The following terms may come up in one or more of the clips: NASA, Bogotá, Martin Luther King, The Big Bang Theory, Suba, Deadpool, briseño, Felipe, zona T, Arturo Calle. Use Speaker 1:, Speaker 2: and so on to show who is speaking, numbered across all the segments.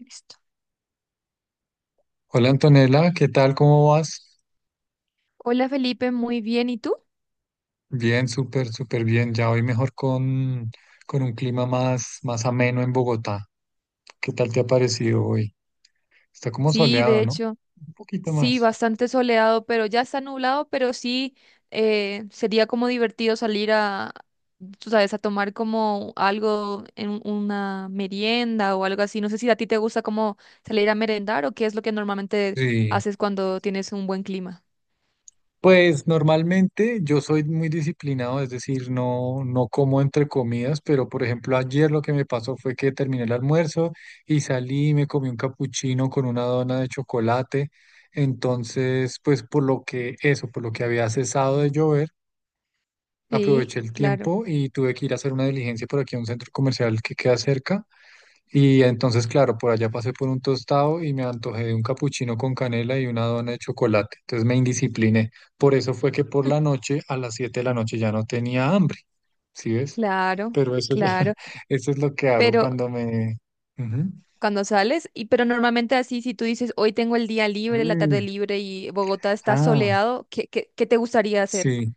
Speaker 1: Listo.
Speaker 2: Hola Antonella, ¿qué tal? ¿Cómo vas?
Speaker 1: Hola Felipe, muy bien. ¿Y tú?
Speaker 2: Bien, súper, súper bien. Ya hoy mejor con un clima más ameno en Bogotá. ¿Qué tal te ha parecido hoy? Está como
Speaker 1: Sí, de
Speaker 2: soleado, ¿no?
Speaker 1: hecho,
Speaker 2: Un poquito
Speaker 1: sí,
Speaker 2: más.
Speaker 1: bastante soleado, pero ya está nublado, pero sí sería como divertido salir a, tú sabes, a tomar como algo en una merienda o algo así. No sé si a ti te gusta como salir a merendar o qué es lo que normalmente
Speaker 2: Sí.
Speaker 1: haces cuando tienes un buen clima.
Speaker 2: Pues normalmente yo soy muy disciplinado, es decir, no, no como entre comidas, pero por ejemplo ayer lo que me pasó fue que terminé el almuerzo y salí y me comí un capuchino con una dona de chocolate. Entonces, pues por lo que eso, por lo que había cesado de llover
Speaker 1: Sí,
Speaker 2: aproveché el
Speaker 1: claro,
Speaker 2: tiempo y tuve que ir a hacer una diligencia por aquí a un centro comercial que queda cerca. Y entonces, claro, por allá pasé por un tostado y me antojé de un capuchino con canela y una dona de chocolate. Entonces me indiscipliné. Por eso fue que por la noche, a las 7 de la noche, ya no tenía hambre. ¿Sí ves?
Speaker 1: claro,
Speaker 2: Pero eso es,
Speaker 1: claro.
Speaker 2: eso es lo que hago
Speaker 1: Pero
Speaker 2: cuando me... Ujú.
Speaker 1: cuando sales, y pero normalmente así, si tú dices, hoy tengo el día libre, la tarde
Speaker 2: Mm,
Speaker 1: libre y Bogotá está
Speaker 2: ah,
Speaker 1: soleado, ¿qué te gustaría hacer?
Speaker 2: sí.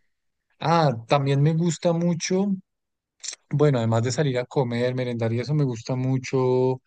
Speaker 2: Ah, también me gusta mucho, bueno, además de salir a comer, merendar y eso, me gusta mucho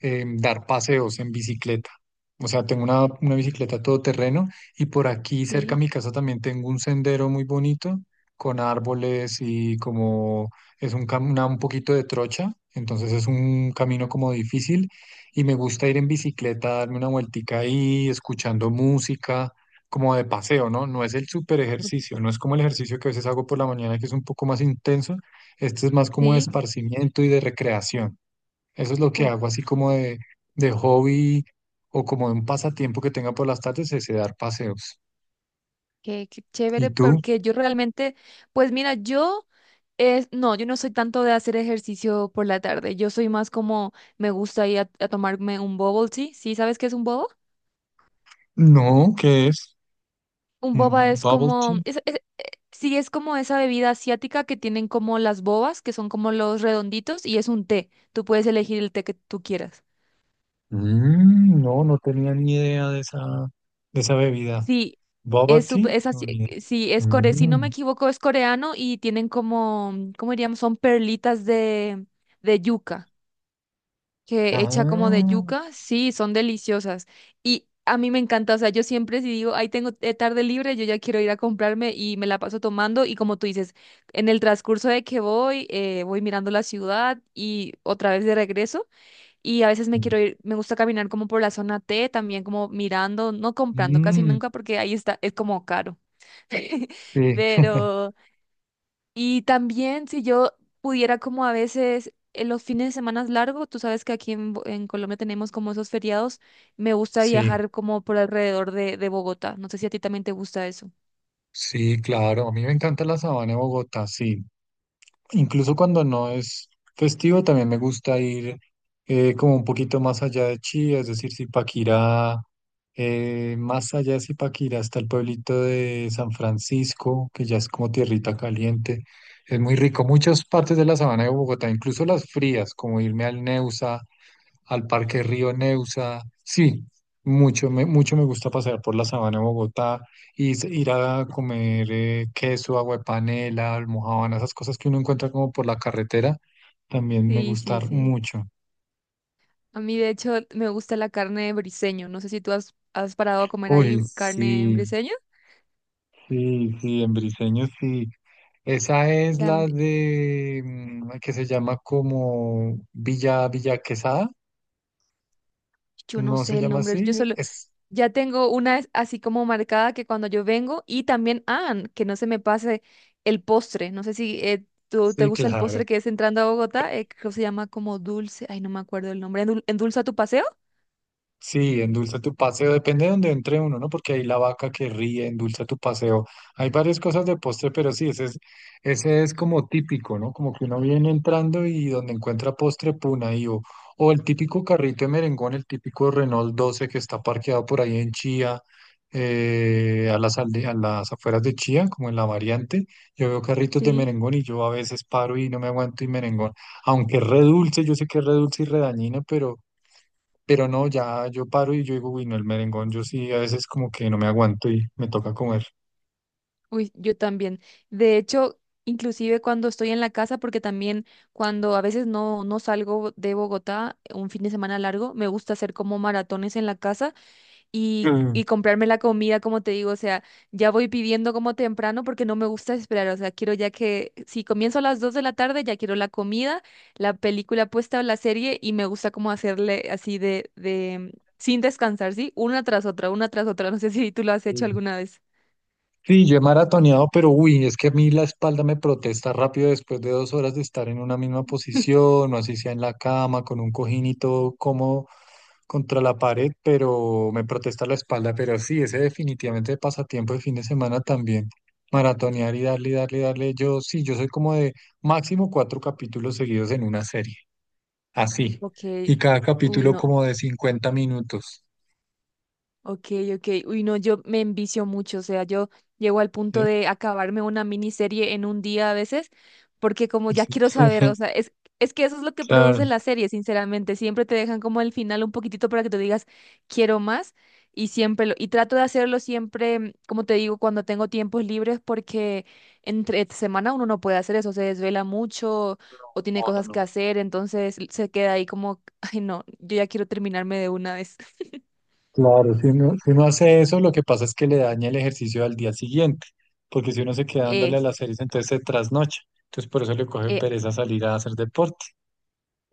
Speaker 2: dar paseos en bicicleta. O sea, tengo una bicicleta todoterreno y por aquí cerca a
Speaker 1: Sí,
Speaker 2: mi casa también tengo un sendero muy bonito con árboles y como es un poquito de trocha, entonces es un camino como difícil y me gusta ir en bicicleta, darme una vueltica ahí, escuchando música, como de paseo, ¿no? No es el super
Speaker 1: ok,
Speaker 2: ejercicio, no es como el ejercicio que a veces hago por la mañana que es un poco más intenso, este es más como de
Speaker 1: sí,
Speaker 2: esparcimiento y de recreación. Eso es lo que
Speaker 1: uh,
Speaker 2: hago, así como de hobby o como de un pasatiempo que tenga por las tardes, es de dar paseos.
Speaker 1: qué
Speaker 2: ¿Y
Speaker 1: chévere,
Speaker 2: tú?
Speaker 1: porque yo realmente, pues mira, yo, es, no, yo no soy tanto de hacer ejercicio por la tarde, yo soy más como, me gusta ir a tomarme un bubble tea, ¿sí sabes qué es un bubble?
Speaker 2: No, ¿qué es?
Speaker 1: Un boba
Speaker 2: ¿Un
Speaker 1: es
Speaker 2: bubble
Speaker 1: como,
Speaker 2: tea?
Speaker 1: sí, es como esa bebida asiática que tienen como las bobas, que son como los redonditos, y es un té. Tú puedes elegir el té que tú quieras.
Speaker 2: Mm, no, no tenía ni idea de esa bebida.
Speaker 1: Sí,
Speaker 2: ¿Bubble
Speaker 1: es,
Speaker 2: tea?
Speaker 1: es así,
Speaker 2: No, ni idea.
Speaker 1: sí, es core, si no me
Speaker 2: Mm,
Speaker 1: equivoco, es coreano y tienen como, ¿cómo diríamos? Son perlitas de yuca. Que hecha como de
Speaker 2: ah,
Speaker 1: yuca, sí, son deliciosas. Y a mí me encanta, o sea, yo siempre si digo, ahí tengo tarde libre, yo ya quiero ir a comprarme y me la paso tomando y como tú dices, en el transcurso de que voy, voy mirando la ciudad y otra vez de regreso y a veces me quiero ir, me gusta caminar como por la zona T, también como mirando, no comprando casi
Speaker 2: mm,
Speaker 1: nunca porque ahí está, es como caro.
Speaker 2: sí,
Speaker 1: Pero... Y también si yo pudiera como a veces en los fines de semana largos, tú sabes que aquí en, en Colombia tenemos como esos feriados, me gusta
Speaker 2: sí,
Speaker 1: viajar como por alrededor de Bogotá. No sé si a ti también te gusta eso.
Speaker 2: sí, claro. A mí me encanta la sabana de Bogotá, sí. Incluso cuando no es festivo, también me gusta ir como un poquito más allá de Chía, es decir, Zipaquirá, más allá de Zipaquirá está el pueblito de San Francisco, que ya es como tierrita caliente. Es muy rico. Muchas partes de la sabana de Bogotá, incluso las frías, como irme al Neusa al Parque Río Neusa. Sí, mucho me gusta pasear por la sabana de Bogotá y ir a comer queso, agua de panela, almojábana, esas cosas que uno encuentra como por la carretera, también me
Speaker 1: Sí, sí,
Speaker 2: gustan
Speaker 1: sí.
Speaker 2: mucho.
Speaker 1: A mí de hecho me gusta la carne de briseño. No sé si tú has, has parado a comer ahí
Speaker 2: Uy,
Speaker 1: carne en
Speaker 2: sí,
Speaker 1: briseño.
Speaker 2: sí, sí, en Briseño sí. Esa es la
Speaker 1: Tambi-
Speaker 2: de que se llama como Villa Villa Quesada,
Speaker 1: Yo no
Speaker 2: ¿no se
Speaker 1: sé el
Speaker 2: llama
Speaker 1: nombre, yo
Speaker 2: así?
Speaker 1: solo,
Speaker 2: Es,
Speaker 1: ya tengo una así como marcada que cuando yo vengo y también, ah, que no se me pase el postre. No sé si tú te
Speaker 2: sí,
Speaker 1: gusta el
Speaker 2: claro.
Speaker 1: postre que es entrando a Bogotá, creo que se llama como dulce, ay, no me acuerdo el nombre. ¿Endulza tu paseo?
Speaker 2: Sí, endulza tu paseo, depende de donde entre uno, ¿no? Porque hay la vaca que ríe, endulza tu paseo. Hay varias cosas de postre, pero sí, ese es como típico, ¿no? Como que uno viene entrando y donde encuentra postre, puna ahí. O el típico carrito de merengón, el típico Renault 12 que está parqueado por ahí en Chía, a las afueras de Chía, como en la variante. Yo veo carritos de
Speaker 1: Sí,
Speaker 2: merengón y yo a veces paro y no me aguanto y merengón aunque es re dulce, yo sé que es re dulce y re dañina, pero no, ya yo paro y yo digo, uy, no, el merengón, yo sí a veces como que no me aguanto y me toca comer.
Speaker 1: uy, yo también. De hecho, inclusive cuando estoy en la casa, porque también cuando a veces no, no salgo de Bogotá un fin de semana largo, me gusta hacer como maratones en la casa
Speaker 2: Mm.
Speaker 1: y comprarme la comida, como te digo, o sea, ya voy pidiendo como temprano porque no me gusta esperar, o sea, quiero ya que si comienzo a las 2 de la tarde, ya quiero la comida, la película puesta o la serie y me gusta como hacerle así de, sin descansar, ¿sí? Una tras otra, no sé si tú lo has hecho alguna vez.
Speaker 2: Sí, yo he maratoneado, pero uy, es que a mí la espalda me protesta rápido después de 2 horas de estar en una misma posición, o así sea en la cama, con un cojín y todo como contra la pared, pero me protesta la espalda. Pero sí, ese definitivamente pasatiempo de fin de semana también. Maratonear y darle, darle, darle. Yo sí, yo soy como de máximo cuatro capítulos seguidos en una serie, así. Y
Speaker 1: Ok,
Speaker 2: cada
Speaker 1: uy,
Speaker 2: capítulo
Speaker 1: no.
Speaker 2: como de 50 minutos.
Speaker 1: Ok, ok. Uy, no, yo me envicio mucho, o sea, yo llego al punto
Speaker 2: ¿Sí?
Speaker 1: de acabarme una miniserie en un día a veces, porque como ya
Speaker 2: Sí.
Speaker 1: quiero saber, o sea, es que eso es lo que
Speaker 2: Claro.
Speaker 1: producen las series, sinceramente, siempre te dejan como el final un poquitito para que tú digas, quiero más, y siempre lo, y trato de hacerlo siempre, mm, como te digo, cuando tengo tiempos libres, porque entre semana uno no puede hacer eso, se desvela mucho o tiene
Speaker 2: No, no,
Speaker 1: cosas que
Speaker 2: no.
Speaker 1: hacer, entonces se queda ahí como, ay, no, yo ya quiero terminarme de una vez.
Speaker 2: Claro, si uno hace eso, lo que pasa es que le daña el ejercicio al día siguiente, porque si uno se queda dándole a
Speaker 1: Es.
Speaker 2: las series, entonces se trasnocha. Entonces por eso le coge
Speaker 1: eh,
Speaker 2: pereza salir a hacer deporte.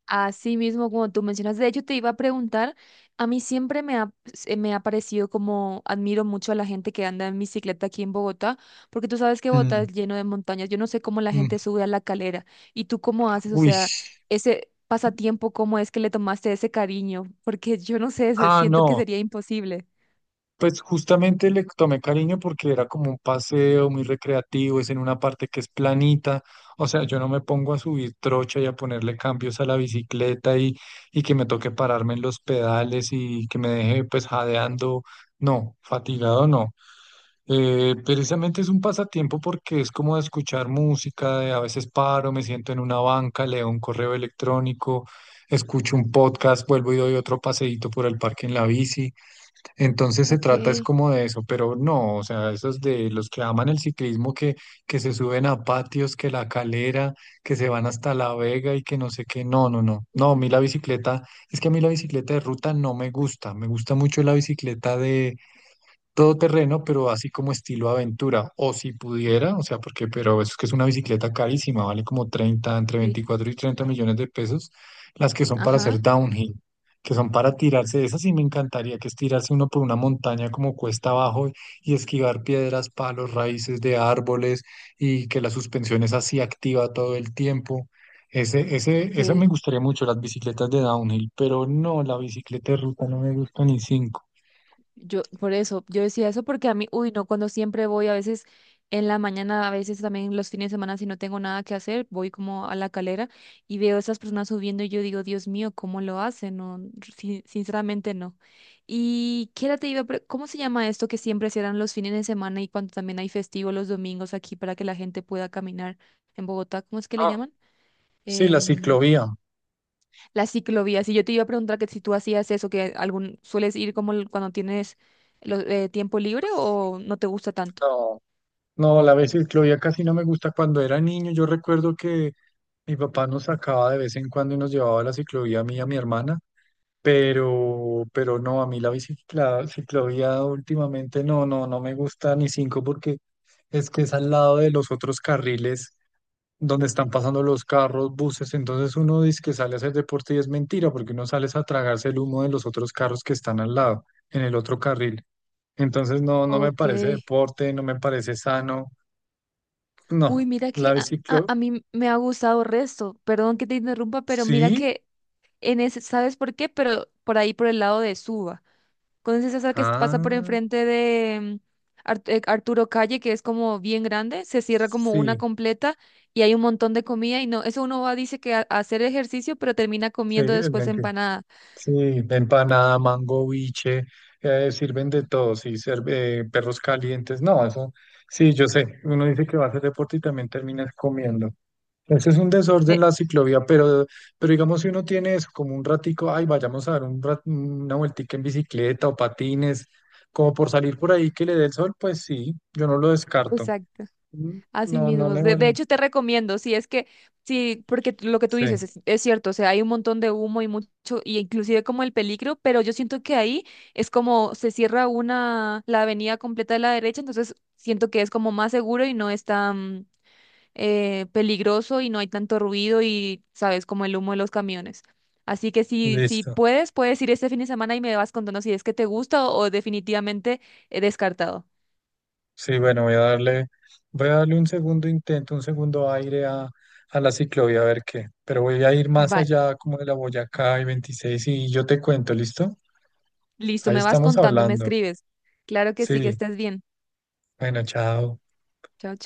Speaker 1: Así mismo, como tú mencionas, de hecho te iba a preguntar, a mí siempre me ha, se me ha parecido como admiro mucho a la gente que anda en bicicleta aquí en Bogotá, porque tú sabes que Bogotá
Speaker 2: Mm,
Speaker 1: es lleno de montañas, yo no sé cómo la gente
Speaker 2: mm.
Speaker 1: sube a la calera y tú cómo haces, o
Speaker 2: Uy,
Speaker 1: sea, ese pasatiempo, cómo es que le tomaste ese cariño, porque yo no sé,
Speaker 2: ah,
Speaker 1: siento que
Speaker 2: no.
Speaker 1: sería imposible.
Speaker 2: Pues justamente le tomé cariño porque era como un paseo muy recreativo, es en una parte que es planita, o sea, yo no me pongo a subir trocha y a ponerle cambios a la bicicleta y que me toque pararme en los pedales y que me deje pues jadeando, no, fatigado no. Precisamente es un pasatiempo porque es como de escuchar música, de a veces paro, me siento en una banca, leo un correo electrónico, escucho un podcast, vuelvo y doy otro paseíto por el parque en la bici. Entonces se
Speaker 1: Ok.
Speaker 2: trata es como de eso, pero no, o sea, esos de los que aman el ciclismo que se suben a patios, que la calera, que se van hasta La Vega y que no sé qué, no, no, no, no, a mí la bicicleta, es que a mí la bicicleta de ruta no me gusta, me gusta mucho la bicicleta todoterreno, pero así como estilo aventura, o si pudiera, o sea, porque, pero eso es que es una bicicleta carísima, vale como 30 entre
Speaker 1: Sí.
Speaker 2: 24 y 30 millones de pesos, las que son para hacer
Speaker 1: Ajá.
Speaker 2: downhill, que son para tirarse. Esas sí me encantaría, que es tirarse uno por una montaña como cuesta abajo y esquivar piedras, palos, raíces de árboles y que la suspensión es así activa todo el tiempo. Esa me
Speaker 1: Ok.
Speaker 2: gustaría mucho, las bicicletas de downhill, pero no, la bicicleta de ruta no me gusta ni cinco.
Speaker 1: Yo, por eso, yo decía eso porque a mí, uy, no, cuando siempre voy, a veces en la mañana, a veces también los fines de semana, si no tengo nada que hacer, voy como a la calera y veo a esas personas subiendo y yo digo, Dios mío, ¿cómo lo hacen? No, sinceramente no. ¿Y qué era te iba a pre- cómo se llama esto que siempre cierran los fines de semana y cuando también hay festivo los domingos aquí para que la gente pueda caminar en Bogotá? ¿Cómo es que le llaman?
Speaker 2: Sí, la
Speaker 1: Em,
Speaker 2: ciclovía.
Speaker 1: las ciclovías. Y yo te iba a preguntar que si tú hacías eso, que algún sueles ir como el- cuando tienes tiempo libre o no te gusta tanto.
Speaker 2: No, no, la vez ciclovía casi no me gusta. Cuando era niño, yo recuerdo que mi papá nos sacaba de vez en cuando y nos llevaba a la ciclovía a mí y a mi hermana, pero no, a mí la bicicla, ciclovía últimamente no, no, no me gusta ni cinco porque es que es al lado de los otros carriles donde están pasando los carros, buses, entonces uno dice que sale a hacer deporte y es mentira porque uno sale es a tragarse el humo de los otros carros que están al lado, en el otro carril. Entonces no, no me
Speaker 1: Ok.
Speaker 2: parece deporte, no me parece sano.
Speaker 1: Uy,
Speaker 2: No,
Speaker 1: mira que
Speaker 2: la biciclo,
Speaker 1: a mí me ha gustado resto. Perdón que te interrumpa, pero mira
Speaker 2: sí,
Speaker 1: que en ese, ¿sabes por qué? Pero por ahí por el lado de Suba. ¿Conoces esa que pasa por
Speaker 2: ah,
Speaker 1: enfrente de Arturo Calle, que es como bien grande? Se cierra como una
Speaker 2: sí,
Speaker 1: completa y hay un montón de comida y no, eso uno va, dice que a hacer ejercicio, pero termina
Speaker 2: sí,
Speaker 1: comiendo
Speaker 2: es
Speaker 1: después
Speaker 2: mentira.
Speaker 1: empanada.
Speaker 2: Sí, empanada, mango, biche, sirven de todo, sí, serve, perros calientes, no, eso, sí, yo sé, uno dice que va a hacer deporte y también terminas comiendo. Ese es un desorden
Speaker 1: De-
Speaker 2: la ciclovía, pero digamos si uno tiene eso como un ratico, ay, vayamos a dar una vueltica en bicicleta o patines, como por salir por ahí que le dé el sol, pues sí, yo no lo descarto.
Speaker 1: Exacto,
Speaker 2: Mm,
Speaker 1: así
Speaker 2: no, no
Speaker 1: mismo.
Speaker 2: me
Speaker 1: De
Speaker 2: mol...
Speaker 1: hecho, te recomiendo, si es que, sí, porque lo que tú
Speaker 2: Sí,
Speaker 1: dices es cierto, o sea, hay un montón de humo y mucho, y inclusive como el peligro, pero yo siento que ahí es como se cierra una, la avenida completa de la derecha, entonces siento que es como más seguro y no es tan, peligroso y no hay tanto ruido y sabes, como el humo de los camiones. Así que si, si
Speaker 2: listo.
Speaker 1: puedes, puedes ir este fin de semana y me vas contando si es que te gusta o definitivamente he descartado.
Speaker 2: Sí, bueno, voy a darle un segundo intento, un segundo aire a la ciclovía, a ver qué. Pero voy a ir más
Speaker 1: Va,
Speaker 2: allá como de la Boyacá y 26 y yo te cuento, ¿listo?
Speaker 1: listo,
Speaker 2: Ahí
Speaker 1: me vas
Speaker 2: estamos
Speaker 1: contando, me
Speaker 2: hablando.
Speaker 1: escribes. Claro que sí, que
Speaker 2: Sí,
Speaker 1: estés bien.
Speaker 2: bueno, chao.
Speaker 1: Chao.